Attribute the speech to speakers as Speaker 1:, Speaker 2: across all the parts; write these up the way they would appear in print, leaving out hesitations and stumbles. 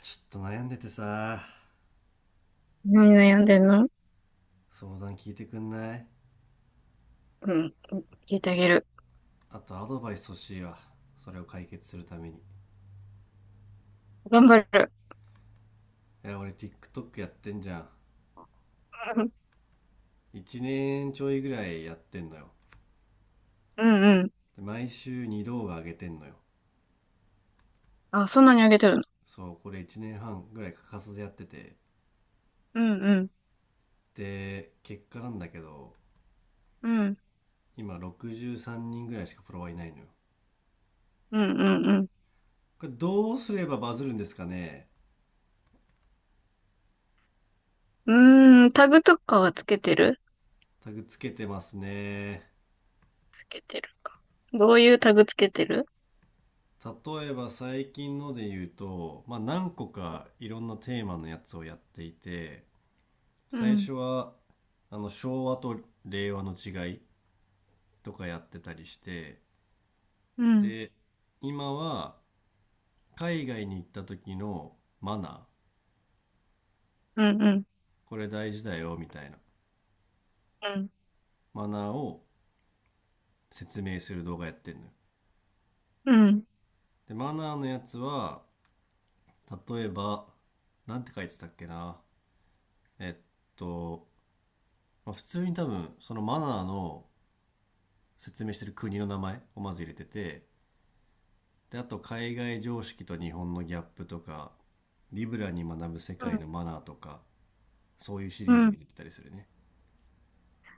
Speaker 1: ちょっと悩んでてさ。
Speaker 2: 何悩んでんの？
Speaker 1: 相談聞いてくんない？
Speaker 2: うん。聞いてあげる。
Speaker 1: あとアドバイス欲しいわ、それを解決するために。
Speaker 2: 頑張る。
Speaker 1: いや俺 TikTok やってんじゃん。
Speaker 2: うん、
Speaker 1: 1年ちょいぐらいやってんのよ。
Speaker 2: うんうん。
Speaker 1: で毎週2動画上げてんのよ。
Speaker 2: あ、そんなにあげてるの？
Speaker 1: そうこれ1年半ぐらい欠かさずやってて、
Speaker 2: うん、うん。
Speaker 1: で結果なんだけど、
Speaker 2: うん、
Speaker 1: 今63人ぐらいしかフォロワーいないのよ。
Speaker 2: うん、うん、
Speaker 1: これどうすればバズるんですかね？
Speaker 2: うん。うーん、タグとかはつけてる？
Speaker 1: タグつけてますね。
Speaker 2: つけてる。どういうタグつけてる？
Speaker 1: 例えば最近ので言うと、まあ、何個かいろんなテーマのやつをやっていて、
Speaker 2: う
Speaker 1: 最
Speaker 2: ん、
Speaker 1: 初はあの昭和と令和の違いとかやってたりして。
Speaker 2: うん、
Speaker 1: で今は海外に行った時のマナー、
Speaker 2: うん、うん、
Speaker 1: これ大事だよみたいな、
Speaker 2: うん、
Speaker 1: マナーを説明する動画やってんのよ。
Speaker 2: うん、
Speaker 1: でマナーのやつは、例えばなんて書いてたっけな。えっと、まあ、普通に多分そのマナーの説明してる国の名前をまず入れてて、であと海外常識と日本のギャップとか、リブラに学ぶ世
Speaker 2: う
Speaker 1: 界
Speaker 2: ん、
Speaker 1: のマナーとか、そういうシ
Speaker 2: う
Speaker 1: リーズを
Speaker 2: ん。
Speaker 1: 入れてたりするね。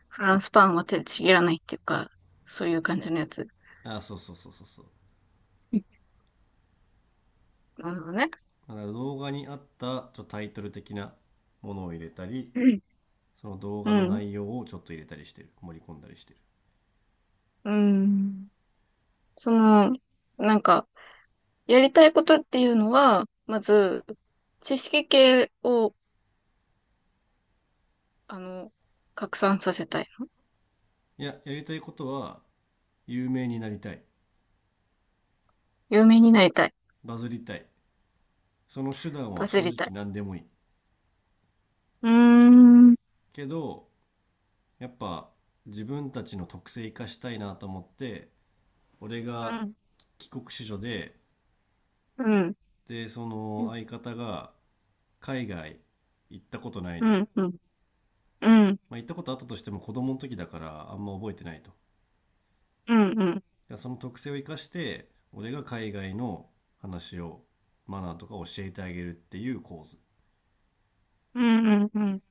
Speaker 2: フランスパンは手でちぎらないっていうか、そういう感じのやつ。
Speaker 1: あ、そうそうそうそうそう。
Speaker 2: なるほどね。
Speaker 1: だから動画に合ったちょっとタイトル的なものを入れたり、
Speaker 2: うん、
Speaker 1: その動
Speaker 2: う
Speaker 1: 画の
Speaker 2: ん、
Speaker 1: 内容をちょっと入れたりしてる、盛り込んだりしてる。
Speaker 2: うん。その、なんか、やりたいことっていうのは、まず、知識系を、あの、拡散させたい。
Speaker 1: いや、やりたいことは有名になりたい、
Speaker 2: 有名になりたい。
Speaker 1: バズりたい。その手段
Speaker 2: バ
Speaker 1: は
Speaker 2: ズ
Speaker 1: 正
Speaker 2: り
Speaker 1: 直
Speaker 2: たい。
Speaker 1: 何でもいい。
Speaker 2: うーん、うん、
Speaker 1: けどやっぱ自分たちの特性生かしたいなと思って、俺が帰国子女で、
Speaker 2: うん、
Speaker 1: で、そ
Speaker 2: う
Speaker 1: の
Speaker 2: ん、
Speaker 1: 相方が海外行ったことない
Speaker 2: う
Speaker 1: のよ。
Speaker 2: ん、うん、うん、
Speaker 1: まあ、行ったことあったとしても子供の時だからあんま覚えてないと。
Speaker 2: うん、うん、
Speaker 1: でその特性を生かして、俺が海外の話を、マナーとか教えてあげるっていう構図。
Speaker 2: うん、うん、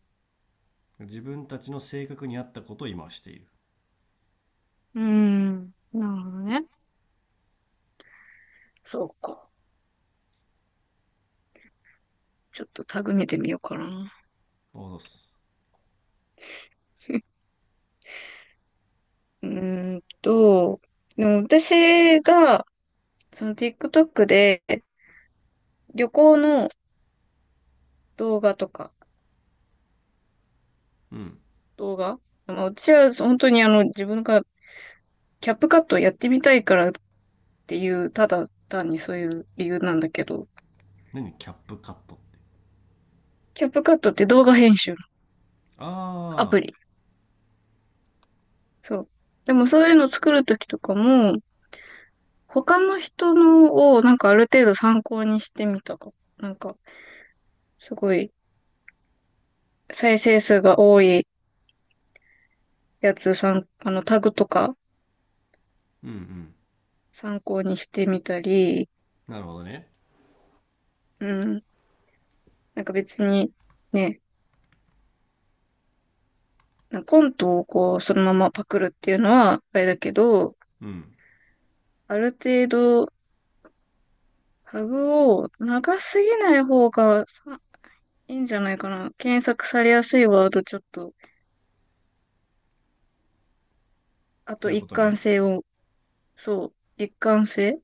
Speaker 1: 自分たちの性格に合ったことを今している。
Speaker 2: うん、なるほどね。そうか。ちょっとタグ見てみようかな。
Speaker 1: あ、そうす。
Speaker 2: うーんと、でも私が、その TikTok で旅行の動画とか、
Speaker 1: うん。
Speaker 2: 動画、まあ私は本当に自分がキャップカットやってみたいからっていう、ただ単にそういう理由なんだけど、
Speaker 1: 何キャップカットって？
Speaker 2: キャップカットって動画編集のア
Speaker 1: ああ、
Speaker 2: プリ。そう。でもそういうの作るときとかも、他の人のをなんかある程度参考にしてみたか。なんか、すごい再生数が多いやつさん、あのタグとか
Speaker 1: うんうん。
Speaker 2: 参考にしてみたり、
Speaker 1: なるほどね。
Speaker 2: うん。なんか別にね、コントをこう、そのままパクるっていうのは、あれだけど、
Speaker 1: うん。
Speaker 2: ある程度、タグを長すぎない方がさいいんじゃないかな。検索されやすいワードちょっと、あ
Speaker 1: そ
Speaker 2: と
Speaker 1: ういうこ
Speaker 2: 一
Speaker 1: と
Speaker 2: 貫
Speaker 1: ね。
Speaker 2: 性を、そう、一貫性、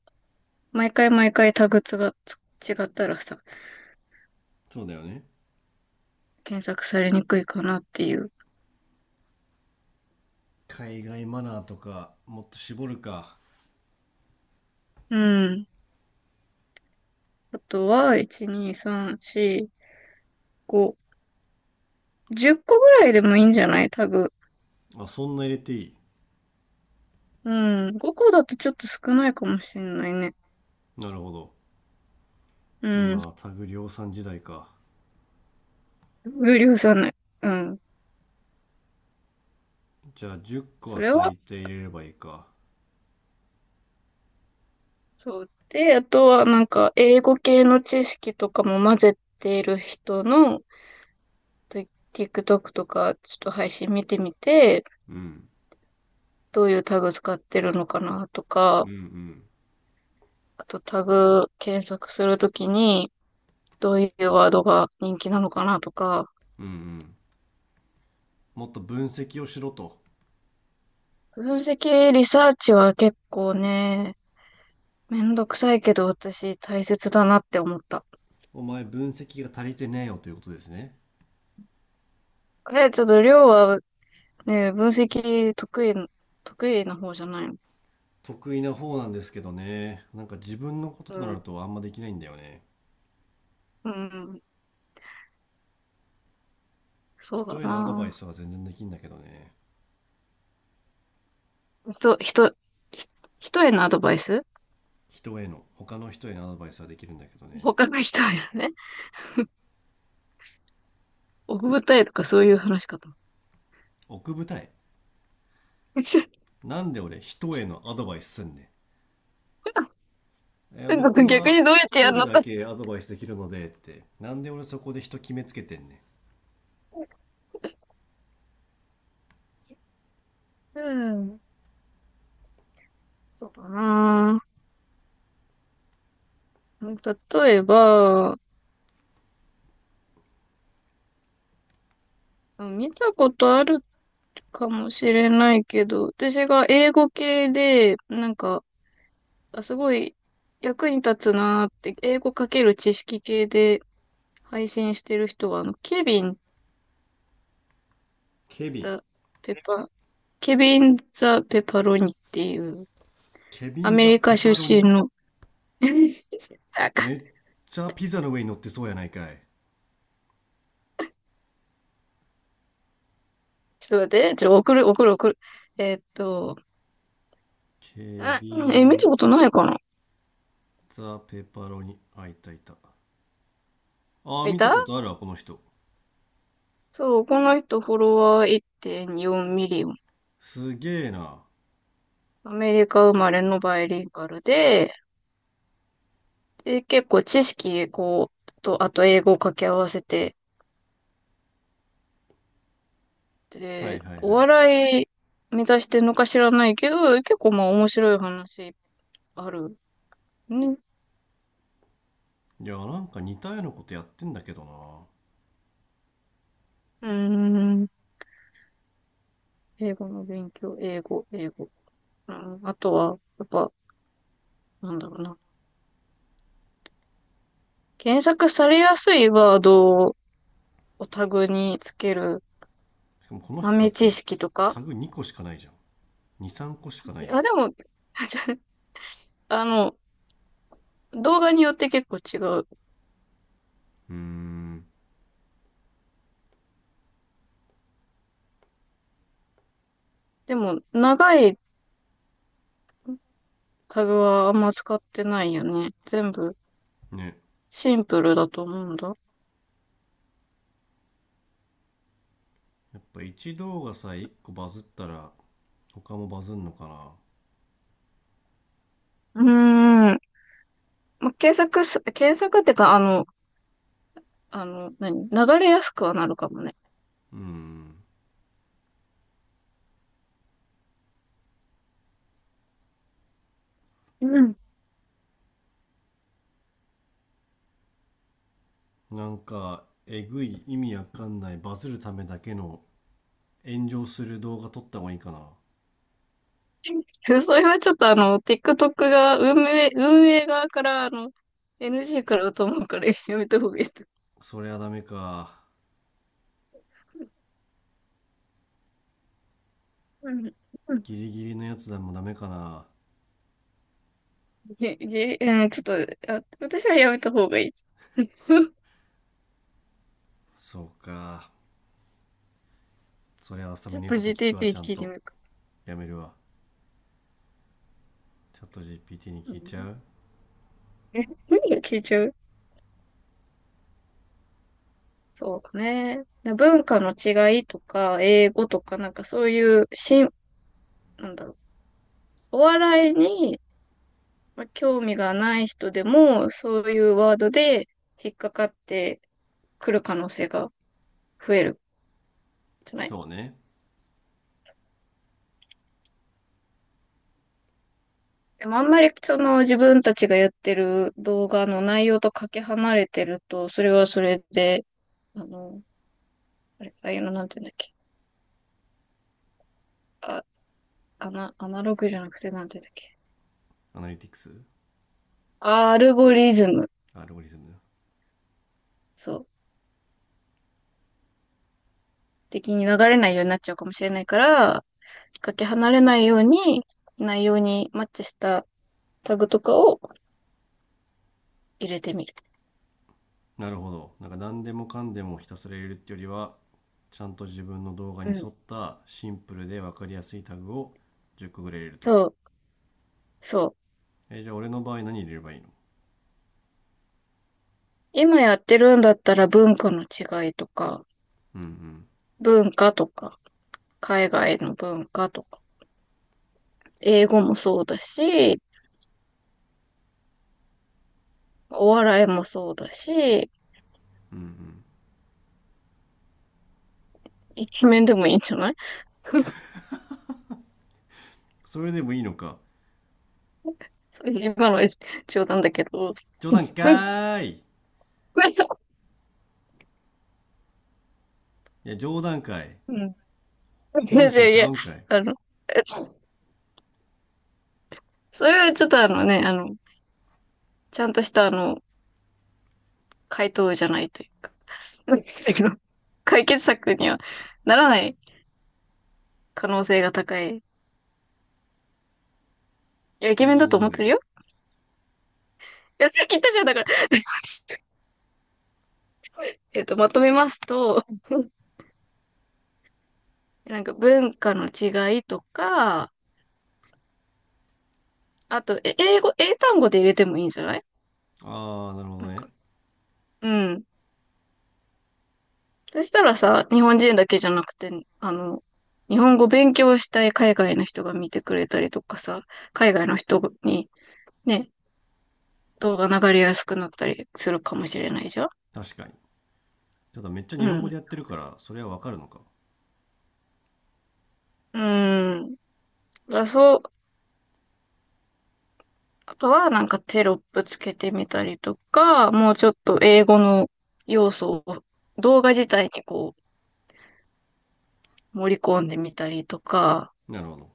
Speaker 2: 毎回毎回タグが違ったらさ、
Speaker 1: そうだよね。
Speaker 2: 検索されにくいかなっていう。
Speaker 1: 海外マナーとか、もっと絞るか。
Speaker 2: うん。あとは、1、2、3、4、5、10個ぐらいでもいいんじゃないタグ。
Speaker 1: あ、そんな入れていい？
Speaker 2: うん。5個だとちょっと少ないかもしれないね。
Speaker 1: なるほど。
Speaker 2: うん。
Speaker 1: 今、タグ量産時代か。
Speaker 2: 無理さない。うん。
Speaker 1: じゃあ、10個
Speaker 2: そ
Speaker 1: は
Speaker 2: れは
Speaker 1: 最低入れればいいか。
Speaker 2: そう。で、あとはなんか、英語系の知識とかも混ぜてる人の、と TikTok とか、ちょっと配信見てみて、
Speaker 1: うん。
Speaker 2: どういうタグ使ってるのかなとか、
Speaker 1: うんうん。
Speaker 2: あとタグ検索するときに、どういうワードが人気なのかなとか、
Speaker 1: うんうん。もっと分析をしろと。
Speaker 2: 分析リサーチは結構ね、めんどくさいけど私大切だなって思った。
Speaker 1: お前、分析が足りてねえよということですね。
Speaker 2: え、ちょっとりょうはね、分析得意、得意な方じゃないの？
Speaker 1: 得意な方なんですけどね。なんか自分のこと
Speaker 2: う
Speaker 1: となる
Speaker 2: ん。
Speaker 1: とあんまできないんだよね。
Speaker 2: うん、そうだ
Speaker 1: 人へのアドバイ
Speaker 2: な。
Speaker 1: スは全然できんだけどね。
Speaker 2: 人、人、ひ人へのアドバイス、
Speaker 1: 人への、他の人へのアドバイスはできるんだけどね。
Speaker 2: 他の人へのね。奥二重とかそういう話かと思
Speaker 1: 奥二重？
Speaker 2: っ。
Speaker 1: なんで俺人へのアドバイスすんねん。
Speaker 2: なん
Speaker 1: 僕
Speaker 2: か 逆
Speaker 1: は
Speaker 2: にどうやっ
Speaker 1: 一
Speaker 2: てやる
Speaker 1: 人
Speaker 2: の
Speaker 1: だ
Speaker 2: か。
Speaker 1: けアドバイスできるのでって、なんで俺そこで人決めつけてんねん。
Speaker 2: うん。そうだな。例えば、見たことあるかもしれないけど、私が英語系で、なんか、あ、すごい役に立つなーって、英語かける知識系で配信してる人が、ケビン
Speaker 1: ケビン。
Speaker 2: だ、ペッパー、ケビン・ザ・ペパロニっていう、
Speaker 1: ケビ
Speaker 2: ア
Speaker 1: ン
Speaker 2: メ
Speaker 1: ザ
Speaker 2: リカ
Speaker 1: ペ
Speaker 2: 出
Speaker 1: パロ
Speaker 2: 身
Speaker 1: ニ。
Speaker 2: の、なんか、
Speaker 1: めっちゃピザの上に乗ってそうやないかい。
Speaker 2: ちょっと待って、ちょっと送る。えーっと、
Speaker 1: ケ
Speaker 2: あ、
Speaker 1: ビ
Speaker 2: え、見
Speaker 1: ン
Speaker 2: たことないかな。
Speaker 1: ザペパロニ。あ、いたいた。ああ、
Speaker 2: い
Speaker 1: 見た
Speaker 2: た。
Speaker 1: ことあるわ、この人。
Speaker 2: そう、この人フォロワー1.4ミリオン。
Speaker 1: すげえな。
Speaker 2: アメリカ生まれのバイリンガルで、で、結構知識、こう、と、あと英語を掛け合わせて、
Speaker 1: はい
Speaker 2: で、
Speaker 1: はい
Speaker 2: お
Speaker 1: はい。
Speaker 2: 笑い目指してんのか知らないけど、結構まあ面白い話あるね。
Speaker 1: いや、なんか似たようなことやってんだけどな。
Speaker 2: うーん。英語の勉強、英語、英語。うん、あとは、やっぱ、なんだろうな。検索されやすいワードをタグにつける。
Speaker 1: しかもこの人
Speaker 2: 豆
Speaker 1: た
Speaker 2: 知
Speaker 1: ち、
Speaker 2: 識と
Speaker 1: タ
Speaker 2: か。
Speaker 1: グ2個しかないじゃん。2、3個しかないやん。
Speaker 2: あ、でも、あの、動画によって結構違う。
Speaker 1: うーん。
Speaker 2: でも、長いタグはあんま使ってないよね。全部
Speaker 1: ね。
Speaker 2: シンプルだと思うんだ。
Speaker 1: やっぱ一動画さえ1個バズったら、他もバズんのかな。
Speaker 2: うーん。検索ってか、何、流れやすくはなるかもね。
Speaker 1: うん。
Speaker 2: うん。
Speaker 1: なんかえぐい意味わかんないバズるためだけの炎上する動画撮った方がいいかな？
Speaker 2: それはちょっとあの、TikTok が、運営側から、NG からと思うから やめた方がいいです。
Speaker 1: そりゃダメか。
Speaker 2: うん。うん、
Speaker 1: ギリギリのやつでもダメかな？
Speaker 2: うん、ちょっと、あ、私はやめた方がいい。
Speaker 1: そうか。そりゃあさみ
Speaker 2: ちょ
Speaker 1: の
Speaker 2: っ
Speaker 1: 言う
Speaker 2: と
Speaker 1: こと聞くわ、
Speaker 2: GTP
Speaker 1: ちゃん
Speaker 2: 聞いて
Speaker 1: と。
Speaker 2: みるか。
Speaker 1: やめるわ。チャット GPT に
Speaker 2: う
Speaker 1: 聞いちゃ
Speaker 2: ん。
Speaker 1: う。
Speaker 2: え、何が聞いちゃう？そうね。文化の違いとか、英語とか、なんかそういう、しん、なんだろう。お笑いに、まあ、興味がない人でも、そういうワードで引っかかってくる可能性が増えるじゃない。
Speaker 1: そうね。
Speaker 2: でもあんまりその自分たちがやってる動画の内容とかけ離れてると、それはそれで、あの、あれ、ああいうのなんて言うんだっけ。あ、アナログじゃなくてなんて言うんだっけ。
Speaker 1: アナリティクス。
Speaker 2: アルゴリズム、
Speaker 1: アルゴリズム。
Speaker 2: そう、的に流れないようになっちゃうかもしれないから、かけ離れないように、内容にマッチしたタグとかを入れてみる。
Speaker 1: なるほど、なんか何でもかんでもひたすら入れるってよりは、ちゃんと自分の動画
Speaker 2: う
Speaker 1: に
Speaker 2: ん。
Speaker 1: 沿ったシンプルで分かりやすいタグを10個ぐらい入れると。
Speaker 2: そう、そう。
Speaker 1: じゃあ俺の場合何入れればいいの？
Speaker 2: 今やってるんだったら文化の違いとか、
Speaker 1: うんうん。
Speaker 2: 文化とか、海外の文化とか、英語もそうだし、お笑いもそうだし、
Speaker 1: うんうん。
Speaker 2: イケメンでもいいんじゃない？
Speaker 1: それでもいいのか。
Speaker 2: 今の冗談だけど。
Speaker 1: 冗談 か
Speaker 2: うん。
Speaker 1: ーい。いや冗談かい。
Speaker 2: いや
Speaker 1: 本
Speaker 2: い
Speaker 1: 心
Speaker 2: やい
Speaker 1: ちゃ
Speaker 2: や、
Speaker 1: うんかい。
Speaker 2: あの、それはちょっとあのね、ちゃんとしたあの、回答じゃないというか、解決策にはならない可能性が高い。いや、イケ
Speaker 1: え、
Speaker 2: メン
Speaker 1: じゃあ
Speaker 2: だと
Speaker 1: 何
Speaker 2: 思っ
Speaker 1: がい
Speaker 2: てる
Speaker 1: い？
Speaker 2: よ。いや、さっき言ったじゃん、だから。えっと、まとめますと、なんか文化の違いとか、あと、え、英語、英単語で入れてもいいんじゃない？
Speaker 1: ああなるほど
Speaker 2: なん
Speaker 1: ね。
Speaker 2: か、うん。そしたらさ、日本人だけじゃなくて、あの、日本語勉強したい海外の人が見てくれたりとかさ、海外の人にね、動画流れやすくなったりするかもしれないじゃん。
Speaker 1: 確かに。ただめっちゃ
Speaker 2: う
Speaker 1: 日本語
Speaker 2: ん。
Speaker 1: でやってるからそれはわかるのか。
Speaker 2: うん。だからそう、あとはなんかテロップつけてみたりとか、もうちょっと英語の要素を動画自体にこう盛り込んでみたりとか、
Speaker 1: なるほど。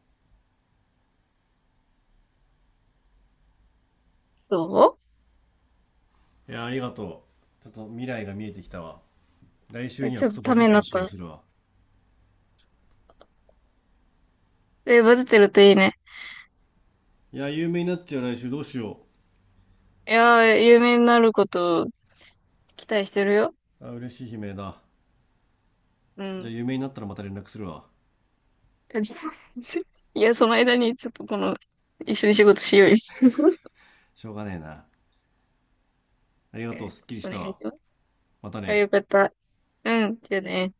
Speaker 2: そ
Speaker 1: いや、ありがとう。ちょっと未来が見えてきたわ。来
Speaker 2: う、
Speaker 1: 週
Speaker 2: え
Speaker 1: には
Speaker 2: ちょ
Speaker 1: ク
Speaker 2: っと
Speaker 1: ソバ
Speaker 2: た
Speaker 1: ズっ
Speaker 2: めに
Speaker 1: て
Speaker 2: なっ
Speaker 1: る気が
Speaker 2: た。
Speaker 1: するわ。
Speaker 2: え、バズってるといいね。
Speaker 1: いや有名になっちゃう、来週どうしよ。
Speaker 2: いやー、有名になることを期待してるよ。
Speaker 1: うあ、嬉しい悲鳴だ。
Speaker 2: う
Speaker 1: じゃあ
Speaker 2: ん。
Speaker 1: 有名になったらまた連絡するわ。
Speaker 2: えじゃ、 いや、その間にちょっとこの、一緒に仕事しようよ。
Speaker 1: しょうがねえな。ありがとう、
Speaker 2: え、
Speaker 1: すっきりし
Speaker 2: お
Speaker 1: た
Speaker 2: 願い
Speaker 1: わ。
Speaker 2: します。
Speaker 1: また
Speaker 2: あ、
Speaker 1: ね。
Speaker 2: よかった。うん、じゃあね。